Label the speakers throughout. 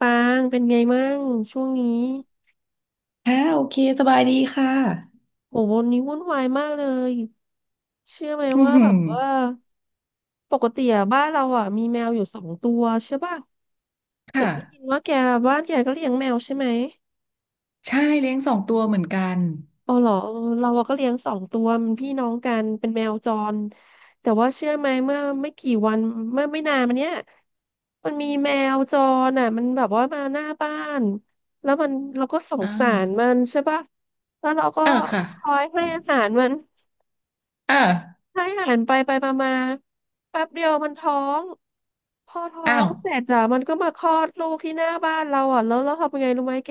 Speaker 1: ปางเป็นไงมั่งช่วงนี้
Speaker 2: ค่ะโอเคสบายดีค่ะ
Speaker 1: โหวันนี้วุ่นวายมากเลยเชื่อไหม
Speaker 2: อือ
Speaker 1: ว่า
Speaker 2: หื
Speaker 1: แบ
Speaker 2: อ
Speaker 1: บว่าปกติอะบ้านเราอะมีแมวอยู่สองตัวใช่ป่ะ
Speaker 2: ค
Speaker 1: เห็นได้ยิน
Speaker 2: ่ะ
Speaker 1: ว่าแกบ้านแกก็เลี้ยงแมวใช่ไหม
Speaker 2: ใช่เลี้ยงสองตัวเหมือนกัน
Speaker 1: อ๋อเหรอเออเราอะก็เลี้ยงสองตัวมันพี่น้องกันเป็นแมวจรแต่ว่าเชื่อไหมเมื่อไม่กี่วันเมื่อไม่นานมาเนี้ยมันมีแมวจรอ่ะมันแบบว่ามาหน้าบ้านแล้วมันเราก็สง
Speaker 2: อ่า
Speaker 1: สารมันใช่ป่ะแล้วเราก็
Speaker 2: เออค่ะ
Speaker 1: คอยให้อาหารมัน
Speaker 2: เออ
Speaker 1: ให้อาหารไปไปมามาแป๊บเดียวมันท้อง พอท้อ
Speaker 2: อ้า
Speaker 1: ง
Speaker 2: ว
Speaker 1: เสร็จอะมันก็มาคลอดลูกที่หน้าบ้านเราอ่ะ แล้วเราทำยังไงรู้ไหมแก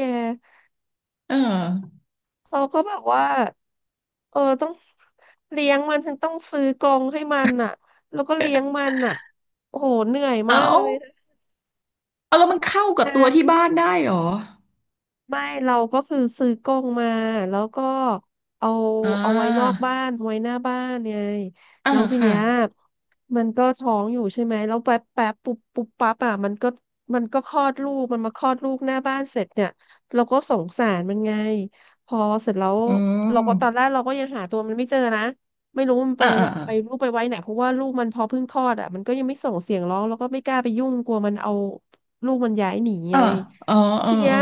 Speaker 2: เออ
Speaker 1: เราก็แบบว่า เออ ต้องเลี้ยงมัน ฉันต้องซื้อกรงให้มันอะแล้วก็เลี้ยงมันอะโอ้โห เหนื่อยมาก
Speaker 2: เอา
Speaker 1: เลย
Speaker 2: เอาแล้วมันเข้ากับตัว
Speaker 1: นะ
Speaker 2: ที่บ้านได้เหรอ
Speaker 1: ไม่เราก็คือซื้อกรงมาแล้วก็เอา
Speaker 2: อ่า
Speaker 1: เอาไว้นอกบ้านไว้หน้าบ้านไง
Speaker 2: เออ
Speaker 1: แล้วที
Speaker 2: ค่ะ
Speaker 1: เนี้ยมันก็ท้องอยู่ใช่ไหมแล้วแป๊บแป๊บปุ๊บปุ๊บปั๊บอ่ะมันก็คลอดลูกมันมาคลอดลูกหน้าบ้านเสร็จเนี่ยเราก็สงสารมันไงพอเสร็จแล้ว
Speaker 2: อื
Speaker 1: เราก็ตอนแร
Speaker 2: ม
Speaker 1: กเราก็ยังหาตัวมันไม่เจอนะไม่รู้มัน
Speaker 2: เอ
Speaker 1: ไป
Speaker 2: อเออ
Speaker 1: วา
Speaker 2: เออ
Speaker 1: ไปลูกไปไว้ไหนเพราะว่าลูกมันพอเพิ่งคลอดอ่ะมันก็ยังไม่ส่งเสียงร้องแล้วก็ไม่กล้าไปยุ่งกลัวมันเอาลูกมันย้ายหนี
Speaker 2: เอ
Speaker 1: ไง
Speaker 2: อเออ
Speaker 1: ทีเนี้
Speaker 2: เอ
Speaker 1: ย
Speaker 2: อ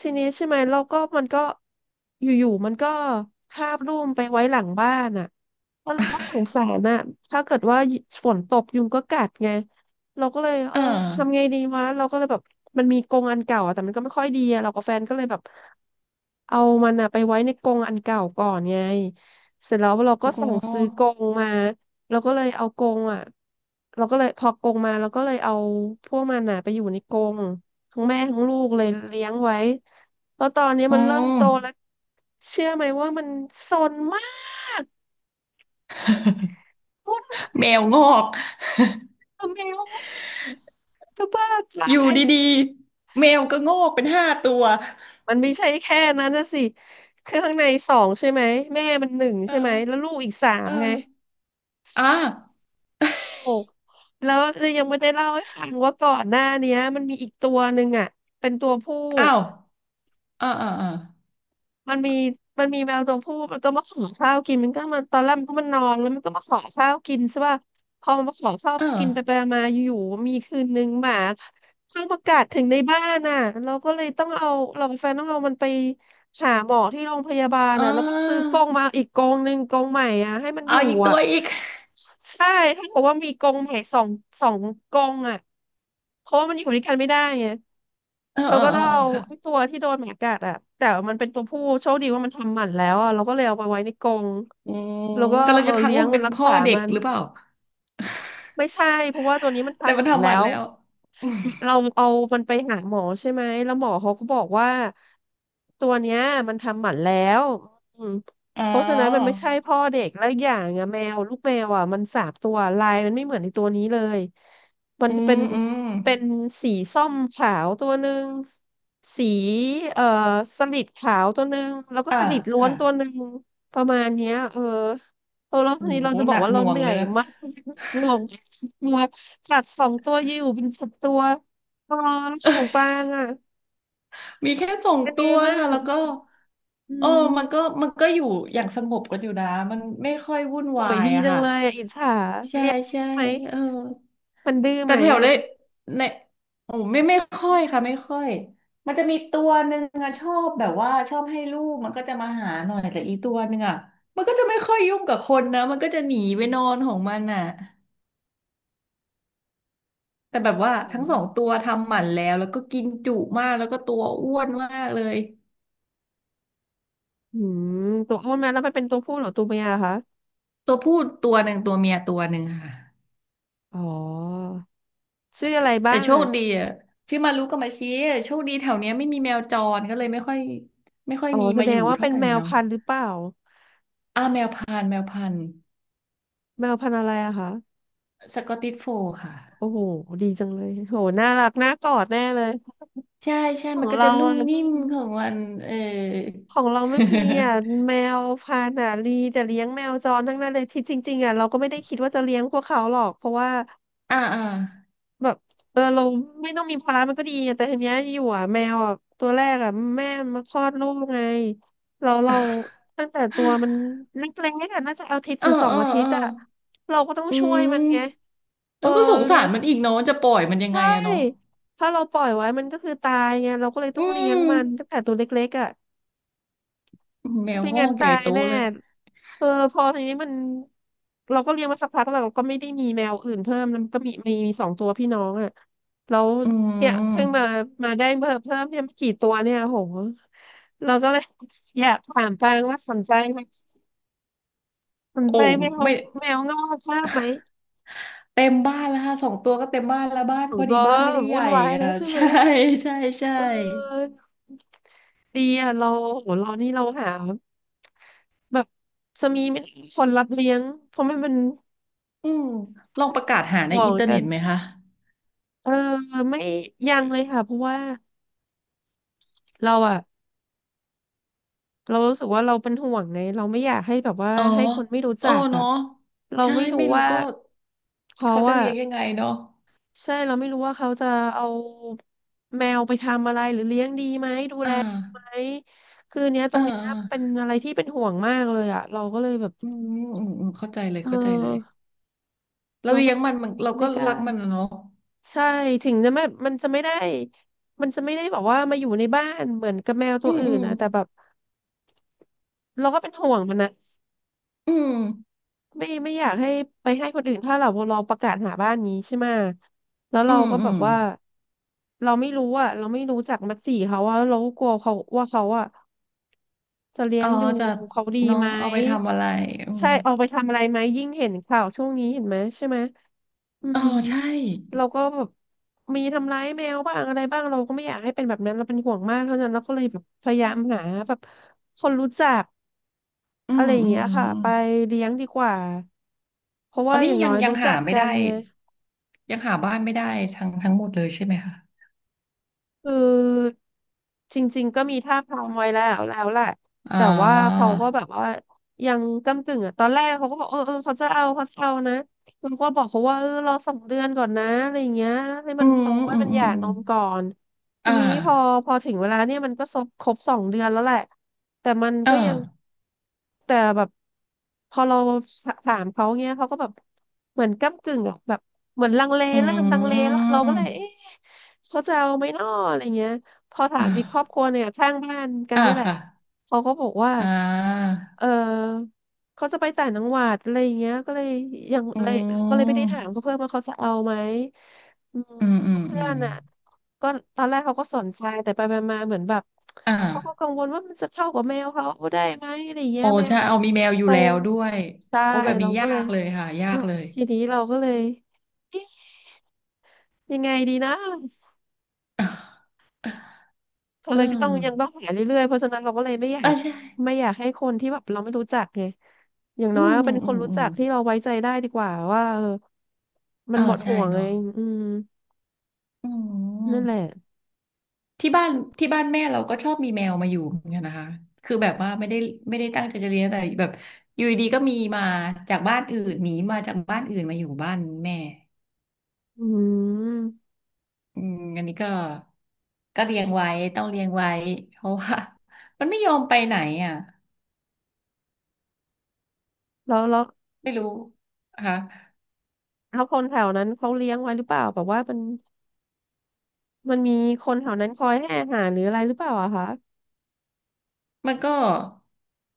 Speaker 1: ทีนี้ใช่ไหมเราก็มันก็อยู่ๆมันก็คาบลูกไปไว้หลังบ้านอ่ะแล้วเราก็สงสารอ่ะถ้าเกิดว่าฝนตกยุงก็กัดไงเราก็เลยเอ
Speaker 2: เออ
Speaker 1: อทำไงดีวะเราก็เลยแบบมันมีกรงอันเก่าอะแต่มันก็ไม่ค่อยดีอะเรากับแฟนก็เลยแบบเอามันอะไปไว้ในกรงอันเก่าก่อนไงเสร็จแล้วเราก็
Speaker 2: โอ้โห
Speaker 1: สั่งซื้อกรงมาเราก็เลยเอากรงอ่ะเราก็เลยพอกรงมาเราก็เลยเอาพวกมันอ่ะไปอยู่ในกรง ทั้งแม่ทั้งลูกเลยเลี้ยงไว้แล้วตอนนี้
Speaker 2: อื
Speaker 1: มันเริ่ม
Speaker 2: ม
Speaker 1: โตแล้วเชื่อไหมว่ามันซนมากวุ่นวาย
Speaker 2: แมวงอก
Speaker 1: กับแมวมากจะบ้า
Speaker 2: อ
Speaker 1: ตา
Speaker 2: ยู่
Speaker 1: ย
Speaker 2: ดีๆแมวก็งอกเป็นห้าตัว
Speaker 1: มันไม่ใช่แค่นั้นนะสิคือข้างในสองใช่ไหมแม่มันหนึ่ง
Speaker 2: เออ
Speaker 1: ใช่ไหมแล้วลูกอีกสาม
Speaker 2: เอ
Speaker 1: ไง
Speaker 2: ออ่า
Speaker 1: โอ้แล้วยังไม่ได้เล่าให้ฟังว่าก่อนหน้าเนี้ยมันมีอีกตัวหนึ่งอ่ะเป็นตัวผู้
Speaker 2: อ้าวเออเออเออ
Speaker 1: มันมีมันมีแมวตัวผู้มันก็มาขอข้าวกินมันก็มันตอนแรกมันก็มันนอนแล้วมันก็มาขอข้าวกินใช่ป่ะพอมันมาขอข้าว
Speaker 2: เออ
Speaker 1: กินไปไปมาอยู่ๆมีคืนนึงหมา เทองประกาศถึงในบ้านอ่ะเราก็เลยต้องเอาเรากับแฟนต้องเอามันไปหาหมอที่โรงพยาบาล
Speaker 2: เ
Speaker 1: อ่ะแล้วก็ซื้อ
Speaker 2: ออ
Speaker 1: กองมาอีกกองหนึ่งกองใหม่อ่ะให้มันอ
Speaker 2: เอา
Speaker 1: ยู่
Speaker 2: อีกตั
Speaker 1: อ่ะ
Speaker 2: วอีก
Speaker 1: ใช่ถ้าบอกว่ามีกองใหม่สองสองกองอ่ะเพราะว่ามันอยู่ด้วยกันไม่ได้ไง
Speaker 2: เออ
Speaker 1: เรา
Speaker 2: เออ
Speaker 1: ก็
Speaker 2: เอ
Speaker 1: ต้อ
Speaker 2: อ
Speaker 1: ง
Speaker 2: เออ
Speaker 1: เอา
Speaker 2: ค่ะ
Speaker 1: ไอ้ตัวที่โดนหมากัดอ่ะแต่มันเป็นตัวผู้โชคดีว่ามันทำหมันแล้วอ่ะเราก็เลยเอาไปไว้ในกรง
Speaker 2: อืม
Speaker 1: แล้วก็
Speaker 2: กำลัง
Speaker 1: เออ
Speaker 2: จะทัก
Speaker 1: เลี้ย
Speaker 2: ว่า
Speaker 1: ง
Speaker 2: มัน
Speaker 1: มั
Speaker 2: เป็
Speaker 1: น
Speaker 2: น
Speaker 1: รัก
Speaker 2: พ่อ
Speaker 1: ษา
Speaker 2: เด็ก
Speaker 1: มัน
Speaker 2: หรือเปล่า
Speaker 1: ไม่ใช่เพราะว่าตัวนี้มัน
Speaker 2: แต่
Speaker 1: ทำห
Speaker 2: มัน
Speaker 1: มัน
Speaker 2: ทำห
Speaker 1: แล้
Speaker 2: มัน
Speaker 1: ว
Speaker 2: แล้วอม
Speaker 1: เราเอามันไปหาหมอใช่ไหมแล้วหมอเขาก็บอกว่าตัวเนี้ยมันทำหมันแล้วอืม
Speaker 2: อ๋อ
Speaker 1: เพราะฉะนั้นมันไม่ใช่พ่อเด็กแล้วอกอย่างอะแมวลูกแมวอ่ะมันสามตัวลายมันไม่เหมือนในตัวนี้เลย มัน
Speaker 2: อื
Speaker 1: จะเป็
Speaker 2: ม
Speaker 1: น
Speaker 2: อืม
Speaker 1: เป็นสีส้มขาวตัวหนึ่งสีเอ่อสลิดขาวตัวหนึ่งแล้วก็
Speaker 2: อ่า
Speaker 1: สลิดล้วน
Speaker 2: ค่ะ
Speaker 1: ตัวหนึ่งประมาณเนี้ยเออเออแล้ว
Speaker 2: อื
Speaker 1: ที
Speaker 2: ม
Speaker 1: นี้
Speaker 2: โอ้
Speaker 1: เรา
Speaker 2: โห
Speaker 1: จะบ
Speaker 2: ห
Speaker 1: อ
Speaker 2: นั
Speaker 1: ก
Speaker 2: ก
Speaker 1: ว่า
Speaker 2: ห
Speaker 1: เรา
Speaker 2: น่ว
Speaker 1: เห
Speaker 2: ง
Speaker 1: นื่อ
Speaker 2: เลย
Speaker 1: ย
Speaker 2: นะ
Speaker 1: มาก งง สัตว์สองตัวอยู่เป็นสัตว์ตัวอ๋อของปา งอ่ะ
Speaker 2: มีแค่สอง
Speaker 1: เป็น
Speaker 2: ตั
Speaker 1: ไง
Speaker 2: ว
Speaker 1: มั่
Speaker 2: ค่ะ
Speaker 1: ง
Speaker 2: แล้วก็
Speaker 1: อื
Speaker 2: โอ้มัน
Speaker 1: ม
Speaker 2: ก็ มันก็อยู่อย่างสงบกันอยู่นะมันไม่ค่อยวุ่น
Speaker 1: โห
Speaker 2: วา
Speaker 1: ย
Speaker 2: ย
Speaker 1: ดี
Speaker 2: อะ
Speaker 1: จัง
Speaker 2: ค่ะ
Speaker 1: เลยอ่ะอิจฉา
Speaker 2: ใช่
Speaker 1: เลี้ยงได้
Speaker 2: ใช่
Speaker 1: ไหม
Speaker 2: เออ
Speaker 1: มันดื้อไห
Speaker 2: แต่
Speaker 1: ม
Speaker 2: แถว
Speaker 1: อ่ะ
Speaker 2: ได้ในไม่ไม่ค่อ
Speaker 1: อื
Speaker 2: ยค่ะไม่
Speaker 1: ม
Speaker 2: ค่อยมันจะมีตัวหนึ่งอะชอบแบบว่าชอบให้ลูกมันก็จะมาหาหน่อยแต่อีตัวหนึ่งอะมันก็จะไม่ค่อยยุ่งกับคนนะมันก็จะหนีไปนอนของมันอะแต่แบบว่าทั้งสองตัวทำหมันแล้วแล้วก็กินจุมากแล้วก็ตัวอ้วนมากเลย
Speaker 1: อืมตัวอ้วนไหมแล้วมันเป็นตัวผู้เหรือตัวเมียเหรอคะ
Speaker 2: ตัวผู้ตัวหนึ่งตัวเมียตัวหนึ่งค่ะ
Speaker 1: อ๋อชื่ออะไรบ้า
Speaker 2: แต่
Speaker 1: ง
Speaker 2: โช
Speaker 1: อ่ะ
Speaker 2: คดีอะชื่อมารุกับมาชิโชคดีแถวเนี้ยไม่มีแมวจรก็เลยไม่ค่อยไม่ค่อย
Speaker 1: อ๋อ
Speaker 2: มี
Speaker 1: แส
Speaker 2: มา
Speaker 1: ด
Speaker 2: อ
Speaker 1: ง
Speaker 2: ยู่
Speaker 1: ว่า
Speaker 2: เท่า
Speaker 1: เป็น
Speaker 2: ไหร่
Speaker 1: แมว
Speaker 2: เนาะ
Speaker 1: พันธุ์หรือเปล่า
Speaker 2: อ่าแมวพันธุ์แมวพันธุ์
Speaker 1: แมวพันธุ์อะไรอะคะ
Speaker 2: สกอตติชโฟลด์ค่ะ
Speaker 1: โอ้โหดีจังเลยโหน่ารักน่ากอดแน่เลย
Speaker 2: ใช่ใช่
Speaker 1: ขอ
Speaker 2: มั
Speaker 1: ง
Speaker 2: นก็
Speaker 1: เรา
Speaker 2: จะนุ่
Speaker 1: อะ
Speaker 2: มนิ่มของมันเออ
Speaker 1: ของเราไม่มีอ่ะ แมวพันธุ์ลีแต่เลี้ยงแมวจรทั้งนั้นเลยที่จริงๆอ่ะเราก็ไม่ได้คิดว่าจะเลี้ยงพวกเขาหรอกเพราะว่า
Speaker 2: อ่าอ่า
Speaker 1: แบบเออเราไม่ต้องมีภาระมันก็ดีอะแต่ทีเนี้ยอยู่อ่ะแมวอ่ะตัวแรกอ่ะแม่มาคลอดลูกไงเราตั้งแต่ตัวมันเล็กๆอ่ะน่าจะอาทิตย์
Speaker 2: เอ
Speaker 1: ห
Speaker 2: อ
Speaker 1: รือสอ
Speaker 2: เอ
Speaker 1: ง
Speaker 2: อ
Speaker 1: อาทิ
Speaker 2: เอ
Speaker 1: ต
Speaker 2: อ
Speaker 1: ย์อ่ะเราก็ต้อง
Speaker 2: อื
Speaker 1: ช่วยมันไง
Speaker 2: ม
Speaker 1: เอ
Speaker 2: แล้
Speaker 1: อ
Speaker 2: วก็สง
Speaker 1: เลี้
Speaker 2: สา
Speaker 1: ย
Speaker 2: ร
Speaker 1: ง
Speaker 2: มันอีกเนาะจะปล่อยมันยัง
Speaker 1: ใช่
Speaker 2: ไงอะเนาะ
Speaker 1: ถ้าเราปล่อยไว้มันก็คือตายไงเราก็เลยต้อง
Speaker 2: อื
Speaker 1: เลี้ยง
Speaker 2: ม
Speaker 1: มันตั้งแต่ตัวเล็กๆอ่ะ
Speaker 2: แมว
Speaker 1: ไม่
Speaker 2: งอ
Speaker 1: งั้น
Speaker 2: กให
Speaker 1: ตา
Speaker 2: ญ่
Speaker 1: ย
Speaker 2: โต
Speaker 1: แน่
Speaker 2: เลย
Speaker 1: เออพอทีนี้เราก็เลี้ยงมาสักพักแล้วเราก็ไม่ได้มีแมวอื่นเพิ่มแล้วมันก็มีสองตัวพี่น้องอ่ะแล้ว
Speaker 2: อื
Speaker 1: เนี่ยเพิ่งมา
Speaker 2: ม
Speaker 1: มาได้เพิ่มเนี่ยไม่กี่ตัวเนี่ยโหเราก็เลย อยากถามปางว่าสนใจไหมสน
Speaker 2: โอ้
Speaker 1: ใจแมว
Speaker 2: ไม่
Speaker 1: แมวงอกภาพไหม
Speaker 2: เต็มบ้านแล้วค่ะสองตัวก็เต็มบ้านแล้วบ้าน
Speaker 1: สอ
Speaker 2: พ
Speaker 1: ง
Speaker 2: อ
Speaker 1: ตั
Speaker 2: ดี
Speaker 1: ว
Speaker 2: บ้า
Speaker 1: ก็
Speaker 2: นไม่ได้ให
Speaker 1: วุ่
Speaker 2: ญ่
Speaker 1: นวายแล้
Speaker 2: อะ
Speaker 1: วใช่ ไหม
Speaker 2: ใช่ใช่ใช่
Speaker 1: เออดีอ่ะเราโหเรานี่เราหาแบบจะมีคนรับเลี้ยงเพราะไม่เป็น
Speaker 2: อืมลองประกาศหาใน
Speaker 1: ห่ว
Speaker 2: อิ
Speaker 1: ง
Speaker 2: นเทอร์
Speaker 1: กั
Speaker 2: เน็
Speaker 1: น
Speaker 2: ตไหมคะ
Speaker 1: เออไม่ยังเลยค่ะเพราะว่าเราอะเรารู้สึกว่าเราเป็นห่วงไงเราไม่อยากให้แบบว่า
Speaker 2: อ๋อ
Speaker 1: ให้คนไม่รู้
Speaker 2: อ๋
Speaker 1: จั
Speaker 2: อ
Speaker 1: กอะ
Speaker 2: เนาะ
Speaker 1: เรา
Speaker 2: ใช่
Speaker 1: ไม่รู้
Speaker 2: ไม่รู้
Speaker 1: ว่า
Speaker 2: ก็
Speaker 1: เขา
Speaker 2: เขาจะ
Speaker 1: อะ
Speaker 2: เลี้ยงยังไงเนาะ
Speaker 1: ใช่เราไม่รู้ว่าเขาจะเอาแมวไปทำอะไรหรือเลี้ยงดีไหมดู
Speaker 2: อ่
Speaker 1: แลไหม
Speaker 2: า
Speaker 1: คือเนี้ยต
Speaker 2: เอ
Speaker 1: ร
Speaker 2: อ
Speaker 1: งเนี้ย
Speaker 2: เอ
Speaker 1: เป็น
Speaker 2: อ
Speaker 1: อะไรที่เป็นห่วงมากเลยอะเราก็เลยแบบ
Speaker 2: อืมอืมอืมเข้าใจเลย
Speaker 1: เ
Speaker 2: เข้าใจเลย
Speaker 1: ออ
Speaker 2: เรา
Speaker 1: เรา
Speaker 2: เลี้
Speaker 1: ก็
Speaker 2: ยงมันมันเรา
Speaker 1: ไม่
Speaker 2: ก็
Speaker 1: กล้า
Speaker 2: รักมันอะเนาะ
Speaker 1: ใช่ถึงจะไม่มันจะไม่ได้แบบว่ามาอยู่ในบ้านเหมือนกับแมวตั
Speaker 2: อื
Speaker 1: ว
Speaker 2: ม
Speaker 1: อื่
Speaker 2: อื
Speaker 1: น
Speaker 2: ม
Speaker 1: นะแต่แบบ เราก็เป็นห่วงมันนะ
Speaker 2: อืม
Speaker 1: ไม่อยากให้ไปให้คนอื่นถ้าเราประกาศหาบ้านนี้ใช่ไหมแล้ว
Speaker 2: อื
Speaker 1: เรา
Speaker 2: ม
Speaker 1: ก็
Speaker 2: อื
Speaker 1: แบบ
Speaker 2: ม
Speaker 1: ว่าเราไม่รู้อะเราไม่รู้จักมัดสีเขาว่าเราก็กลัวเขาว่าเขาอะจะเลี้ย
Speaker 2: อ๋อ
Speaker 1: งดู
Speaker 2: จะ
Speaker 1: เขาดี
Speaker 2: เนาะ
Speaker 1: ไหม
Speaker 2: เอาไปทำอะไรอืม
Speaker 1: ใช่เอาไปทำอะไรไหมยิ่งเห็นข่าวช่วงนี้เห็นไหมใช่ไหมอื
Speaker 2: อ๋อ
Speaker 1: ม
Speaker 2: ใช่
Speaker 1: เราก็แบบมีทำร้ายแมวบ้างอะไรบ้างเราก็ไม่อยากให้เป็นแบบนั้นเราเป็นห่วงมากเท่านั้นเราก็เลยแบบพยายามหาแบบคนรู้จัก
Speaker 2: อื
Speaker 1: อะไร
Speaker 2: ม
Speaker 1: อย่าง
Speaker 2: อืม
Speaker 1: เงี้ย
Speaker 2: อื
Speaker 1: ค่ะ
Speaker 2: ม
Speaker 1: ไปเลี้ยงดีกว่าเพราะ
Speaker 2: ตอ
Speaker 1: ว่า
Speaker 2: น
Speaker 1: อ
Speaker 2: นี้
Speaker 1: ย่าง
Speaker 2: ยั
Speaker 1: น้อ
Speaker 2: ง
Speaker 1: ย
Speaker 2: ยัง
Speaker 1: รู้
Speaker 2: หา
Speaker 1: จัก
Speaker 2: ไม่
Speaker 1: กั
Speaker 2: ได้
Speaker 1: นไง
Speaker 2: ยังหาบ้านไม่ได้ทั้งทั้งหมดเลยใช่ไหมคะ
Speaker 1: คือจริงๆก็มีท่าบทางไว้แล้วแล้วแหละ
Speaker 2: อ่
Speaker 1: แต่ว่า
Speaker 2: า
Speaker 1: เขาก็แบบว่ายังก้ำกึ่งอ่ะตอนแรกเขาก็บอกเออเขาจะเอาเขาจะเอานะเราก็บอกเขาว่าเออรอสองเดือนก่อนนะอะไรอย่างเงี้ยให้มั
Speaker 2: อื
Speaker 1: น
Speaker 2: ม
Speaker 1: โตให้
Speaker 2: อืม
Speaker 1: มันห
Speaker 2: อืม
Speaker 1: ย่า
Speaker 2: อืม
Speaker 1: นมก่อน ที
Speaker 2: อ่า
Speaker 1: นี้พอถึงเวลาเนี่ยมันก็ครบสองเดือนแล้วแหละแต่มันก็
Speaker 2: อ่า
Speaker 1: ยังแต่แบบพอเราสถามเขาเงี้ยเขาก็แบบเหมือนก้ำกึ่งอะแบบเหมือนลังเลเริ่มลั
Speaker 2: อื
Speaker 1: งเลแล้วเราก็เลยเอ๊ะ
Speaker 2: ม
Speaker 1: เขาจะเอาไหมน้ออะไรเงี้ยพอถา
Speaker 2: อ่
Speaker 1: มอีกครอบค
Speaker 2: า
Speaker 1: รัวเนี่ยข้างบ้านกัน
Speaker 2: อ่า
Speaker 1: นี่แหละ
Speaker 2: ค่ะ
Speaker 1: เขาก็บอกว่า
Speaker 2: อ่า
Speaker 1: เออเขาจะไปต่างจังหวัดอะไรอย่างเงี้ยก็เลยยัง
Speaker 2: อื
Speaker 1: เลยก็เลยไม่ได้ถาม
Speaker 2: ม
Speaker 1: เขาเพิ่มว่าเขาจะเอาไหมอืม
Speaker 2: อืมอืม
Speaker 1: เพื่
Speaker 2: อื
Speaker 1: อ
Speaker 2: ม
Speaker 1: นอ่ะ ก็ตอนแรกเขาก็สนใจแต่ไปไมาๆเหมือนแบบ
Speaker 2: อ่า
Speaker 1: เขาก็กังวลว่ามันจะเข้ากับแมวเขาได้ไหมอะไรเงี้
Speaker 2: โอ้
Speaker 1: ยแมว
Speaker 2: ใช่
Speaker 1: เขา
Speaker 2: เอา
Speaker 1: เป็น
Speaker 2: มี
Speaker 1: แม
Speaker 2: แม
Speaker 1: ว
Speaker 2: วอยู่
Speaker 1: โต
Speaker 2: แล้วด้วย
Speaker 1: ใช่
Speaker 2: โอ้แบบ
Speaker 1: เรา
Speaker 2: นี้
Speaker 1: ก็
Speaker 2: ยา
Speaker 1: เลย
Speaker 2: กเลยค่ะยา
Speaker 1: อ่ะ
Speaker 2: กเลย
Speaker 1: ทีนี้เราก็เลยเอ๊ะยังไงดีนะ เรา
Speaker 2: เอ
Speaker 1: เล
Speaker 2: อ
Speaker 1: ยก็ต้องยังต้องหาเรื่อยๆเพราะฉะนั้นเราก็เลย
Speaker 2: เออใช่
Speaker 1: ไม่อยากให้คนที่แบบเราไม่รู้จักไงอย่าง
Speaker 2: อื
Speaker 1: น้อย
Speaker 2: ม
Speaker 1: ก็
Speaker 2: อื
Speaker 1: เป็
Speaker 2: ม
Speaker 1: นคนรู้
Speaker 2: อื
Speaker 1: จั
Speaker 2: ม
Speaker 1: กที่เราไว้ใจได้ดีกว่าว่าเออมัน
Speaker 2: อ่า
Speaker 1: หมด
Speaker 2: ใช่
Speaker 1: ห่วงไง
Speaker 2: เนาะ
Speaker 1: อืม
Speaker 2: อื
Speaker 1: นั่นแหละ
Speaker 2: ม ที่บ้านที่บ้านแม่เราก็ชอบมีแมวมาอยู่เหมือนกันนะคะคือแบบว่าไม่ได้ไม่ได้ตั้งใจจะเลี้ยงแต่แบบอยู่ดีๆก็มีมาจากบ้านอื่นหนีมาจากบ้านอื่นมาอยู่บ้านแม่
Speaker 1: อืม
Speaker 2: อืมอันนี้ก็ก็เลี้ยงไว้ต้องเลี้ยงไว้เพราะว่า มันไม่ยอมไปไหนอ่ะ
Speaker 1: แล้วแล้ว
Speaker 2: ไม่รู้นะคะ
Speaker 1: แล้วคนแถวนั้นเขาเลี้ยงไว้หรือเปล่าแบบว่ามัน มันมีคนแถวนั้นคอยให้อาหารหรืออะไรหรือเปล่าอะคะ
Speaker 2: มันก็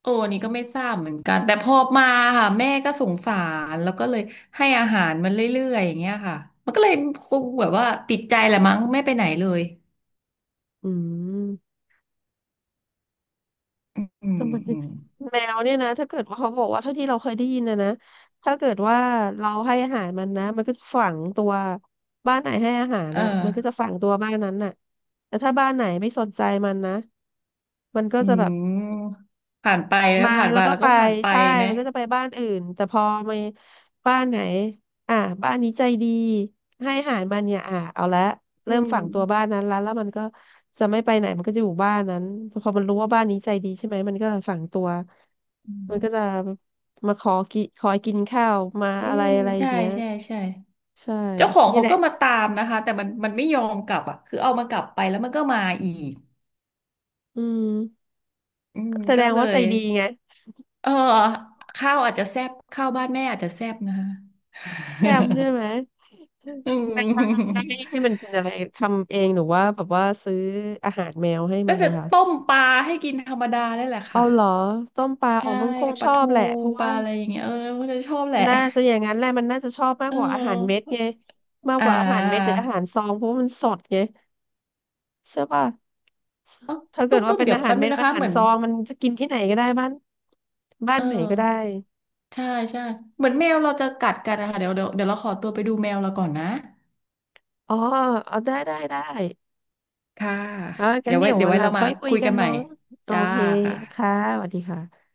Speaker 2: โอ้อันนี่ก็ไม่ทราบเหมือนกันแต่พอมาค่ะแม่ก็สงสารแล้วก็เลยให้อาหารมันเรื่อยๆอย่างเงี้ยค่ะมันก็เลยคงแบบว่าติดใจแหละมั้งไม่ไปไหนเลย
Speaker 1: อืม
Speaker 2: อืมอืม
Speaker 1: ทำไม
Speaker 2: อืม
Speaker 1: แมวเนี่ยนะถ้าเกิดว่าเขาบอกว่าเท่าที่เราเคยได้ยินนะถ้าเกิดว่าเราให้อาหารมันนะมันก็จะฝังตัวบ้านไหนให้อาหาร
Speaker 2: เออ
Speaker 1: น่ะมันก็จะฝังตัวบ้านนั้นน่ะแต่ถ้าบ้านไหนไม่สนใจมันนะมันก็
Speaker 2: อื
Speaker 1: จะแบบ
Speaker 2: มผ่านไปแล้ว
Speaker 1: มา
Speaker 2: ผ่าน
Speaker 1: แล้ว
Speaker 2: มา
Speaker 1: ก็
Speaker 2: แล้ว
Speaker 1: ไป
Speaker 2: ก็ผ่านไป
Speaker 1: ใช่
Speaker 2: ไหม
Speaker 1: มันก็จะไปบ้านอื่นแต่พอมาบ้านไหนอ่ะบ้านนี้ใจดีให้อาหารมันเนี่ยอ่ะเอาละ
Speaker 2: อื
Speaker 1: เริ่ม
Speaker 2: ม
Speaker 1: ฝังตัวบ้านนั้นแล้วแล้วมันก็จะไม่ไปไหนมันก็จะอยู่บ้านนั้นพอมันรู้ว่าบ้านนี้ใจดีใช่ไหมมันก็จะฝังตัว
Speaker 2: อื
Speaker 1: มันก็
Speaker 2: ม
Speaker 1: จะมาขอกินข้าวมา
Speaker 2: อื
Speaker 1: อะไร
Speaker 2: ม
Speaker 1: อะไรอ
Speaker 2: ใช่
Speaker 1: ย่างเงี้ย
Speaker 2: ใช่ใช่
Speaker 1: ใช่
Speaker 2: เจ้าของ
Speaker 1: นี่
Speaker 2: เขา
Speaker 1: แหละ
Speaker 2: ก็มาตามนะคะแต่มันมันไม่ยอมกลับอ่ะคือเอามากลับไปแล้วมันก็มาอีก
Speaker 1: อืม
Speaker 2: อืม
Speaker 1: แสด
Speaker 2: ก็
Speaker 1: ง
Speaker 2: เล
Speaker 1: ว่าใจ
Speaker 2: ย
Speaker 1: ดีไง
Speaker 2: เออข้าวอาจจะแซ่บข้าวบ้านแม่อาจจะแซ่บนะคะ
Speaker 1: แซมใช่ไหม
Speaker 2: อื
Speaker 1: ไม่ว่
Speaker 2: ม
Speaker 1: ให้ให้มันกินอะไรทำเองหรือว่าแบบว่าซื้ออาหารแมวให้มั
Speaker 2: ก็
Speaker 1: น
Speaker 2: จะ
Speaker 1: นะคะ
Speaker 2: ต้มปลาให้กินธรรมดาได้แหละ
Speaker 1: เอา
Speaker 2: ค่ะ
Speaker 1: เหรอต้มปลาอ๋อ
Speaker 2: ใช่
Speaker 1: มันคง
Speaker 2: ป
Speaker 1: ช
Speaker 2: ลา
Speaker 1: อบ
Speaker 2: ทู
Speaker 1: แหละเพราะ
Speaker 2: ป
Speaker 1: ว่า
Speaker 2: ลาอะไรอย่างเงี้ยเออก็จะชอบแหละ
Speaker 1: น่าจะอย่างนั้นแหละมันน่าจะชอบมาก
Speaker 2: เอ
Speaker 1: กว่าอาหารเม็ด
Speaker 2: อ
Speaker 1: ไงมาก
Speaker 2: อ่
Speaker 1: กว่าอาหารเม็ดหรื
Speaker 2: า
Speaker 1: ออาหารซองเพราะว่ามันสดไงใช่ป่ะ
Speaker 2: เอ้า
Speaker 1: ถ้าเกิ
Speaker 2: ตุ้
Speaker 1: ด
Speaker 2: ม
Speaker 1: ว่า
Speaker 2: ตุ้ม
Speaker 1: เป็น
Speaker 2: เดี๋ย
Speaker 1: อา
Speaker 2: ว
Speaker 1: หา
Speaker 2: แป๊
Speaker 1: ร
Speaker 2: บนึ
Speaker 1: เม็ด
Speaker 2: งนะ
Speaker 1: อา
Speaker 2: คะ
Speaker 1: หา
Speaker 2: เห
Speaker 1: ร
Speaker 2: มือน
Speaker 1: ซองมันจะกินที่ไหนก็ได้บ้านบ้าน
Speaker 2: เออ
Speaker 1: ไหนก็ได้
Speaker 2: ใช่ใช่เหมือนแมวเราจะกัดกันนะคะเดี๋ยวเดี๋ยวเดี๋ยวเราขอตัวไปดูแมวเราก่อนนะ
Speaker 1: อ๋อเอาได้
Speaker 2: ค่ะ
Speaker 1: อ่ะกั
Speaker 2: เดี๋
Speaker 1: น
Speaker 2: ยวไว้
Speaker 1: เดี๋ยว
Speaker 2: เดี๋ย
Speaker 1: วั
Speaker 2: ว
Speaker 1: น
Speaker 2: ไว้
Speaker 1: หลัง
Speaker 2: เรามา
Speaker 1: ค่อยคุย
Speaker 2: คุย
Speaker 1: กั
Speaker 2: กั
Speaker 1: น
Speaker 2: นใหม่
Speaker 1: เนาะโอ
Speaker 2: จ้า
Speaker 1: เค
Speaker 2: ค่ะ
Speaker 1: ค่ะสวัสดีค่ะ